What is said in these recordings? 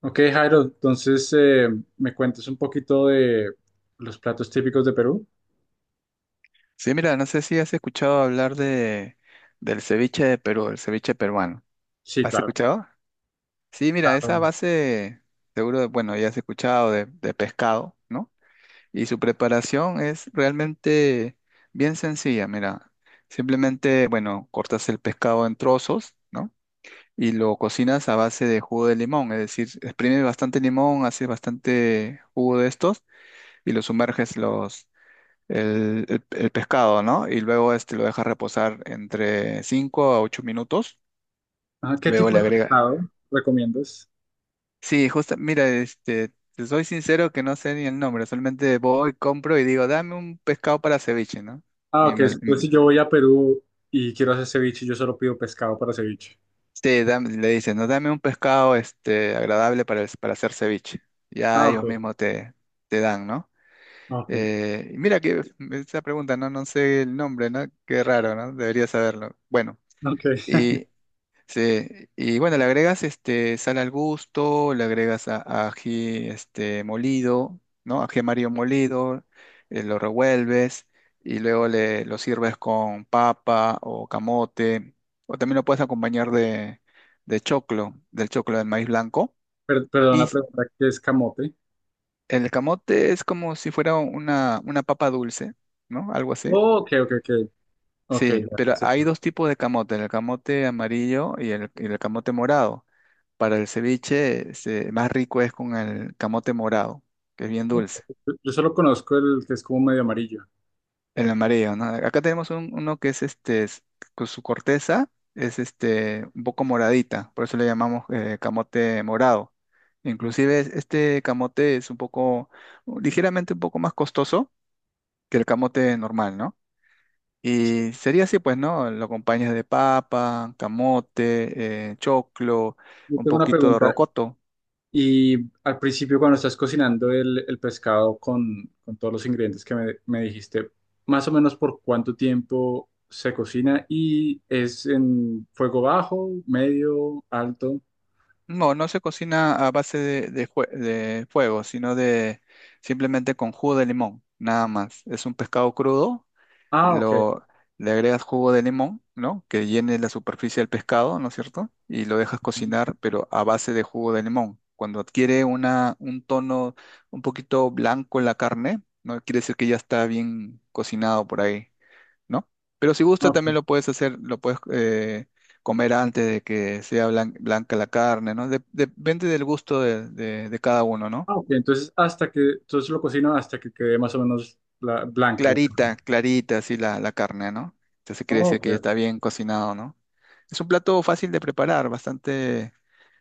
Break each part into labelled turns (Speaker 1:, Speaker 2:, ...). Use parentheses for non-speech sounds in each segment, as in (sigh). Speaker 1: Ok, Jairo, entonces me cuentes un poquito de los platos típicos de Perú.
Speaker 2: Sí, mira, no sé si has escuchado hablar del ceviche de Perú, el ceviche peruano.
Speaker 1: Sí,
Speaker 2: ¿Has
Speaker 1: claro.
Speaker 2: escuchado? Sí, mira, esa
Speaker 1: Claro.
Speaker 2: base, seguro, bueno, ya has escuchado de pescado, ¿no? Y su preparación es realmente bien sencilla, mira. Simplemente, bueno, cortas el pescado en trozos, ¿no? Y lo cocinas a base de jugo de limón, es decir, exprimes bastante limón, haces bastante jugo de estos y lo sumerges el pescado, ¿no? Y luego este lo dejas reposar entre 5 a 8 minutos.
Speaker 1: Ah, ¿qué
Speaker 2: Luego
Speaker 1: tipo
Speaker 2: le
Speaker 1: de
Speaker 2: agrega.
Speaker 1: pescado recomiendas?
Speaker 2: Sí, justo, mira, este, te soy sincero que no sé ni el nombre, solamente voy, compro y digo, dame un pescado para ceviche, ¿no?
Speaker 1: Ah,
Speaker 2: Y
Speaker 1: ok,
Speaker 2: me,
Speaker 1: entonces
Speaker 2: me-
Speaker 1: si yo voy a Perú y quiero hacer ceviche, yo solo pido pescado para ceviche.
Speaker 2: sí, le dicen, no, dame un pescado este, agradable para, para hacer ceviche. Ya
Speaker 1: Ah,
Speaker 2: ellos
Speaker 1: ok,
Speaker 2: mismos te, te dan, ¿no?
Speaker 1: ok,
Speaker 2: Y mira que esa pregunta, no, no sé el nombre, ¿no? Qué raro, ¿no? Debería saberlo. Bueno.
Speaker 1: ok.
Speaker 2: Sí, y bueno, le agregas este sal al gusto, le agregas a ají este molido, ¿no? Ají amarillo molido, lo revuelves y luego le lo sirves con papa o camote, o también lo puedes acompañar de choclo del maíz blanco.
Speaker 1: Perdón la
Speaker 2: Y
Speaker 1: pregunta, ¿qué es camote?
Speaker 2: el camote es como si fuera una papa dulce, ¿no? Algo así.
Speaker 1: Oh, ok, ok, ok. Ok,
Speaker 2: Sí,
Speaker 1: ya- ya
Speaker 2: pero
Speaker 1: sé
Speaker 2: hay
Speaker 1: cuál.
Speaker 2: dos tipos de camote, el camote amarillo y el camote morado. Para el ceviche, este, más rico es con el camote morado, que es bien dulce.
Speaker 1: Yo solo conozco el que es como medio amarillo.
Speaker 2: El amarillo, ¿no? Acá tenemos uno que es este, es- con su corteza es este, un poco moradita, por eso le llamamos camote morado.
Speaker 1: Mm.
Speaker 2: Inclusive este camote es un poco, ligeramente un poco más costoso que el camote normal, ¿no?
Speaker 1: Sí.
Speaker 2: Y sería así, pues, ¿no? Lo acompañas de papa, camote, choclo,
Speaker 1: Yo
Speaker 2: un
Speaker 1: tengo una
Speaker 2: poquito de
Speaker 1: pregunta.
Speaker 2: rocoto.
Speaker 1: Y al principio, cuando estás cocinando el pescado con todos los ingredientes que me dijiste, más o menos por cuánto tiempo se cocina y es en fuego bajo, medio, alto.
Speaker 2: No, no se cocina a base de fuego, sino de simplemente con jugo de limón, nada más. Es un pescado crudo,
Speaker 1: Ah, ok.
Speaker 2: lo, le agregas jugo de limón, ¿no? Que llene la superficie del pescado, ¿no es cierto? Y lo dejas cocinar, pero a base de jugo de limón. Cuando adquiere un tono un poquito blanco en la carne, ¿no? Quiere decir que ya está bien cocinado por ahí. ¿No? Pero si gusta
Speaker 1: Ok.
Speaker 2: también lo puedes hacer, lo puedes comer antes de que sea blanca la carne, ¿no? Depende del gusto de cada uno, ¿no?
Speaker 1: Ah, ok. Entonces, entonces lo cocino hasta que quede más o menos la, blanca la carne.
Speaker 2: Clarita, clarita, así la, la carne, ¿no? Entonces quiere
Speaker 1: Oh,
Speaker 2: decir que ya
Speaker 1: ok.
Speaker 2: está bien cocinado, ¿no? Es un plato fácil de preparar, bastante,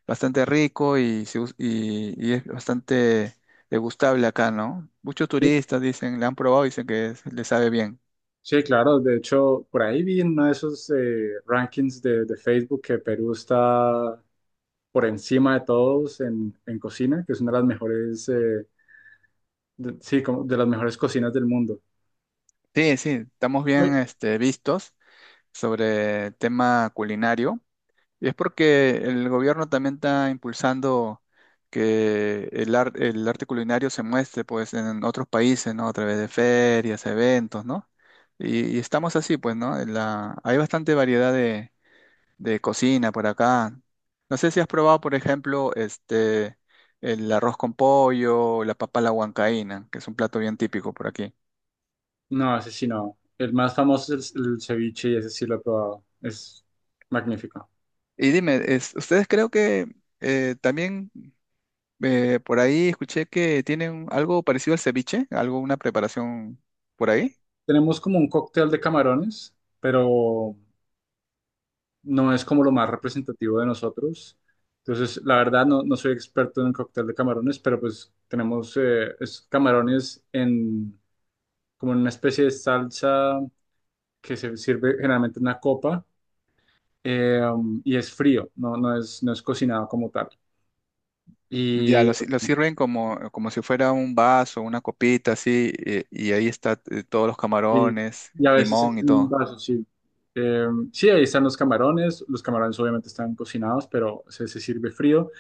Speaker 2: bastante rico y, y es bastante degustable acá, ¿no? Muchos
Speaker 1: Sí,
Speaker 2: turistas dicen, le han probado y dicen que le sabe bien.
Speaker 1: sí, claro. De hecho, por ahí vi en uno de esos rankings de Facebook que Perú está por encima de todos en cocina, que es una de las mejores, sí, como de las mejores cocinas del mundo.
Speaker 2: Sí, sí, estamos bien
Speaker 1: Uy.
Speaker 2: este, vistos sobre el tema culinario. Y es porque el gobierno también está impulsando que el arte culinario se muestre pues en otros países, ¿no? A través de ferias, eventos, ¿no? Y estamos así, pues, ¿no? En la- hay bastante variedad de cocina por acá. No sé si has probado, por ejemplo, este, el arroz con pollo, la papa a la huancaína, que es un plato bien típico por aquí.
Speaker 1: No, ese sí no. El más famoso es el ceviche y ese sí lo he probado. Es magnífico.
Speaker 2: Y dime, es- ustedes creo que también por ahí escuché que tienen algo parecido al ceviche, algo, una preparación por ahí.
Speaker 1: Tenemos como un cóctel de camarones, pero no es como lo más representativo de nosotros. Entonces, la verdad, no, no soy experto en el cóctel de camarones, pero pues tenemos es camarones en como en una especie de salsa que se sirve generalmente en una copa eh, y es frío, no, no es, no es cocinado como tal.
Speaker 2: Ya, lo,
Speaker 1: Y,
Speaker 2: si- lo sirven como, como si fuera un vaso, una copita, así, y ahí está todos los
Speaker 1: y-
Speaker 2: camarones,
Speaker 1: y a veces
Speaker 2: limón
Speaker 1: es
Speaker 2: y
Speaker 1: en un
Speaker 2: todo.
Speaker 1: vaso, sí. Eh, sí, ahí están los camarones obviamente están cocinados, pero se sirve frío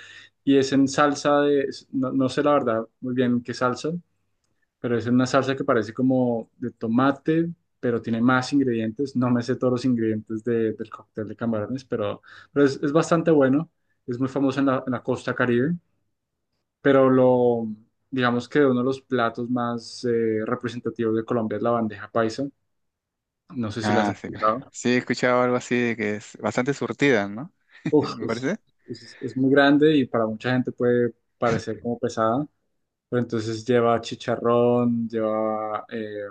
Speaker 1: y es en salsa no, no sé la verdad muy bien qué salsa, pero es en una salsa que parece como de tomate, pero tiene más ingredientes, no me sé todos los ingredientes del cóctel de camarones, pero es bastante bueno, es muy famoso en la costa Caribe, pero lo, digamos que uno de los platos más representativos de Colombia es la bandeja paisa. No sé si la has
Speaker 2: Ah, sí, claro.
Speaker 1: escuchado.
Speaker 2: Sí, he escuchado algo así de que es bastante surtida, ¿no? (laughs)
Speaker 1: Uf,
Speaker 2: Me
Speaker 1: es,
Speaker 2: parece.
Speaker 1: es muy grande y para mucha gente puede parecer como pesada, pero entonces lleva chicharrón, lleva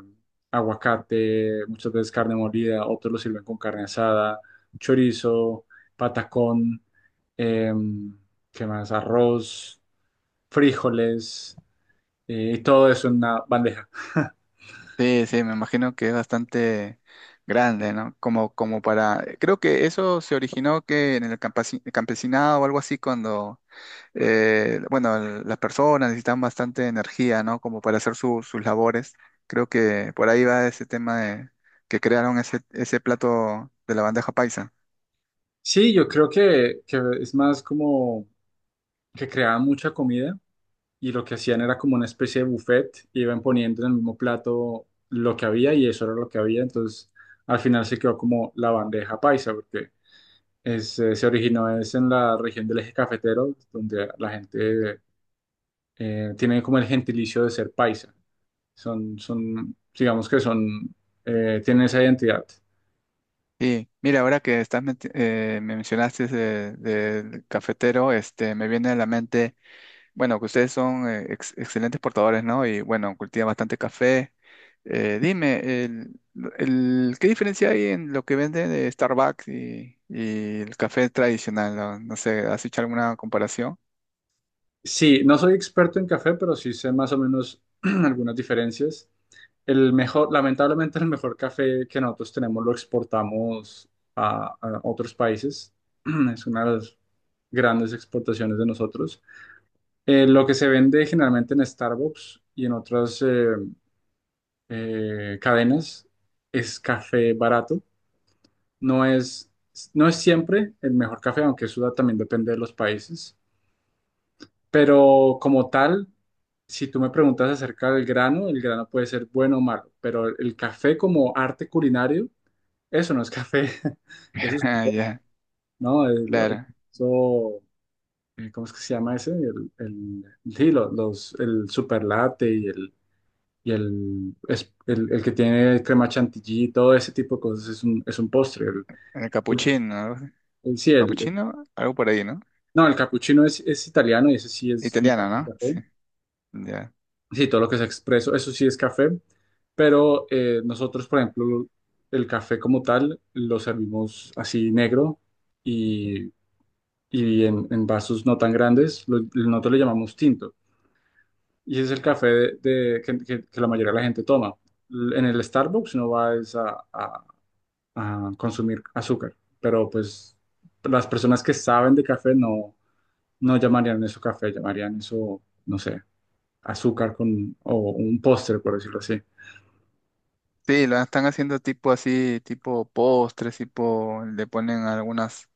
Speaker 1: aguacate, muchas veces carne molida, otros lo sirven con carne asada, chorizo, patacón, em, ¿qué más? Arroz, frijoles, y todo eso en una bandeja.
Speaker 2: Sí, sí, me imagino que es bastante grande, ¿no? Como, como para... Creo que eso se originó que en el campesinado o algo así cuando bueno, el- las personas necesitan bastante energía, ¿no? Como para hacer sus labores. Creo que por ahí va ese tema de que crearon ese, ese plato de la bandeja paisa.
Speaker 1: Sí, yo creo que es más como que creaban mucha comida y lo que hacían era como una especie de buffet, iban poniendo en el mismo plato lo que había y eso era lo que había, entonces al final se quedó como la bandeja paisa, porque es, se originó es en la región del eje cafetero, donde la gente tiene como el gentilicio de ser paisa, son, son digamos que son, tienen esa identidad.
Speaker 2: Y mira, ahora que estás me mencionaste del cafetero, este, me viene a la mente. Bueno, que ustedes son excelentes portadores, ¿no? Y bueno, cultivan bastante café. Dime, el, ¿qué diferencia hay en lo que venden de Starbucks y el café tradicional? No, no sé, ¿has hecho alguna comparación?
Speaker 1: Sí, no soy experto en café, pero sí sé más o menos (clears throat) algunas diferencias. El mejor, lamentablemente, el mejor café que nosotros tenemos lo exportamos a otros países. (clears throat) Es una de las grandes exportaciones de nosotros. Lo que se vende generalmente en Starbucks y en otras cadenas es café barato. No es, no es siempre el mejor café, aunque eso también depende de los países. Pero como tal, si tú me preguntas acerca del grano, el grano puede ser bueno o malo, pero el café como arte culinario, eso no es café, (laughs) eso
Speaker 2: (laughs)
Speaker 1: es,
Speaker 2: Ah, ya,
Speaker 1: no, el-
Speaker 2: claro.
Speaker 1: eso, ¿cómo es que se llama ese? El, sí, los, el super latte y el, el que tiene crema chantilly, todo ese tipo de cosas es un postre.
Speaker 2: El capuchino, algo así.
Speaker 1: Sí, el,
Speaker 2: Capuchino, algo por ahí, ¿no?
Speaker 1: no, el capuchino es italiano y ese sí es un
Speaker 2: Italiano,
Speaker 1: café.
Speaker 2: ¿no? Sí, ya.
Speaker 1: Sí, todo lo que sea expreso, eso sí es café, pero nosotros, por ejemplo, el café como tal lo servimos así negro y, y en vasos no tan grandes, nosotros le llamamos tinto. Y ese es el café que, que la mayoría de la gente toma. En el Starbucks no vas a, a consumir azúcar, pero pues las personas que saben de café no, no llamarían eso café, llamarían eso, no sé, azúcar con, o un póster, por decirlo así.
Speaker 2: Sí, lo están haciendo tipo así, tipo postres, tipo, le ponen algunas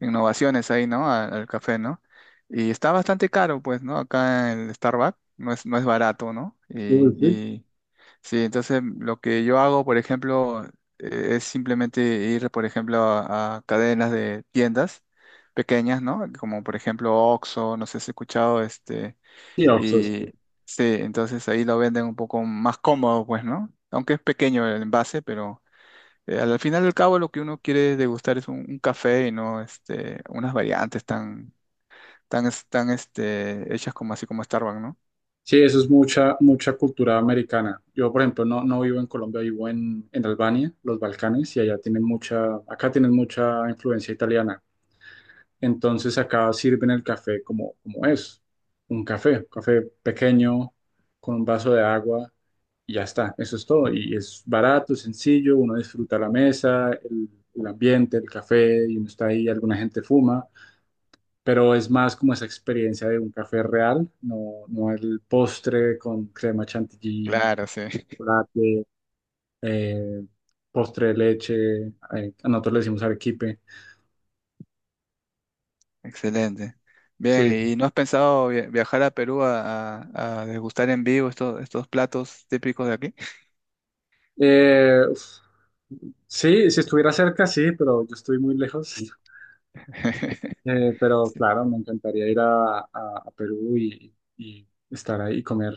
Speaker 2: innovaciones ahí, ¿no? Al café, ¿no? Y está bastante caro, pues, ¿no? Acá en el Starbucks no es, no es barato, ¿no?
Speaker 1: Uy, sí.
Speaker 2: Y sí, entonces lo que yo hago, por ejemplo, es simplemente ir, por ejemplo, a cadenas de tiendas pequeñas, ¿no? Como por ejemplo Oxxo, no sé si has escuchado, este,
Speaker 1: Sí, Oxxo, sí.
Speaker 2: y sí, entonces ahí lo venden un poco más cómodo, pues, ¿no? Aunque es pequeño el envase, pero... Al final del cabo, lo que uno quiere degustar es un café y no este, unas variantes tan, tan, tan este, hechas como así como Starbucks, ¿no?
Speaker 1: Sí, eso es mucha, mucha cultura americana. Yo, por ejemplo, no, no vivo en Colombia, vivo en Albania, los Balcanes, y allá tienen mucha, acá tienen mucha influencia italiana. Entonces acá sirven el café como, como es, un café, café pequeño, con un vaso de agua, y ya está, eso es todo. Y es barato, sencillo, uno disfruta la mesa, el ambiente, el café, y uno está ahí, alguna gente fuma, pero es más como esa experiencia de un café real, no, no el postre con crema chantilly,
Speaker 2: Claro, sí. (laughs)
Speaker 1: chocolate, eh, postre de leche, a nosotros le decimos arequipe.
Speaker 2: Excelente. Bien,
Speaker 1: Sí.
Speaker 2: ¿y no has pensado viajar a Perú a, a degustar en vivo estos, estos platos típicos de aquí?
Speaker 1: Uf, sí, si estuviera cerca, sí, pero yo estoy muy lejos.
Speaker 2: (laughs)
Speaker 1: Pero
Speaker 2: Sí.
Speaker 1: claro, me encantaría ir a, a Perú y estar ahí y comer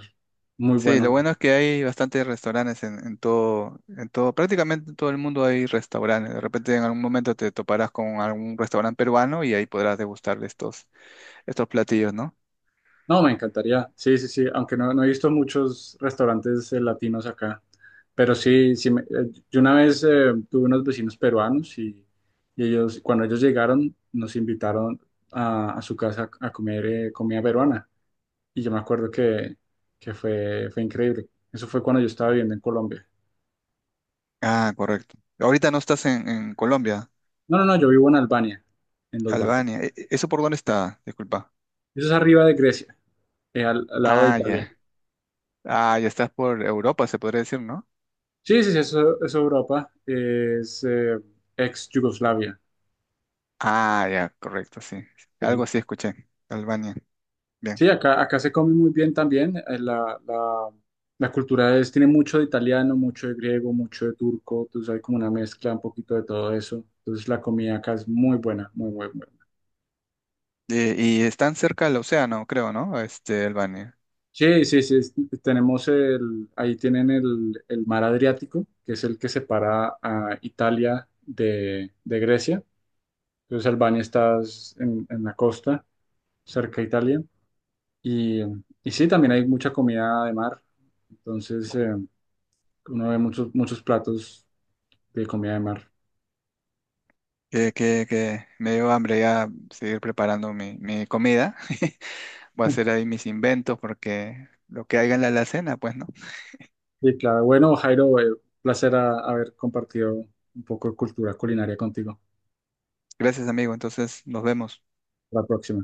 Speaker 1: muy
Speaker 2: Sí, lo
Speaker 1: bueno.
Speaker 2: bueno es que hay bastantes restaurantes en todo, prácticamente en todo el mundo hay restaurantes. De repente en algún momento te toparás con algún restaurante peruano y ahí podrás degustar de estos, estos platillos, ¿no?
Speaker 1: No, me encantaría. Sí, sí, sí. Aunque no, no he visto muchos restaurantes latinos acá. Pero sí, yo una vez tuve unos vecinos peruanos y ellos, cuando ellos llegaron, nos invitaron a su casa a comer comida peruana. Y yo me acuerdo que fue, fue increíble. Eso fue cuando yo estaba viviendo en Colombia.
Speaker 2: Ah, correcto. Ahorita no estás en Colombia.
Speaker 1: No, no, no, yo vivo en Albania, en los barcos.
Speaker 2: Albania. ¿Eso por dónde está? Disculpa.
Speaker 1: Eso es arriba de Grecia, al, al lado de
Speaker 2: Ah,
Speaker 1: Italia.
Speaker 2: ya. Ah, ya estás por Europa, se podría decir, ¿no?
Speaker 1: Sí, sí, sí, eso Europa es ex Yugoslavia.
Speaker 2: Ah, ya, correcto, sí. Algo así escuché. Albania. Bien.
Speaker 1: Sí, acá, acá se come muy bien también. La, la, la cultura es, tiene mucho de italiano, mucho de griego, mucho de turco. Entonces hay como una mezcla un poquito de todo eso. Entonces la comida acá es muy buena, muy, muy buena.
Speaker 2: Están cerca del océano, creo, ¿no? Este, Albania.
Speaker 1: Sí, sí, sí. Tenemos el, ahí tienen el mar Adriático, que es el que separa a Italia de Grecia. Entonces Albania está en la costa, cerca de Italia. Y, y sí, también hay mucha comida de mar. Entonces uno ve muchos, muchos platos de comida de mar.
Speaker 2: Que me dio hambre ya seguir preparando mi, mi comida. (laughs) Voy a hacer ahí mis inventos porque lo que haya en la alacena, pues, ¿no?
Speaker 1: Y claro, bueno, Jairo, placer haber compartido un poco de cultura culinaria contigo.
Speaker 2: Gracias, amigo. Entonces, nos vemos.
Speaker 1: La próxima.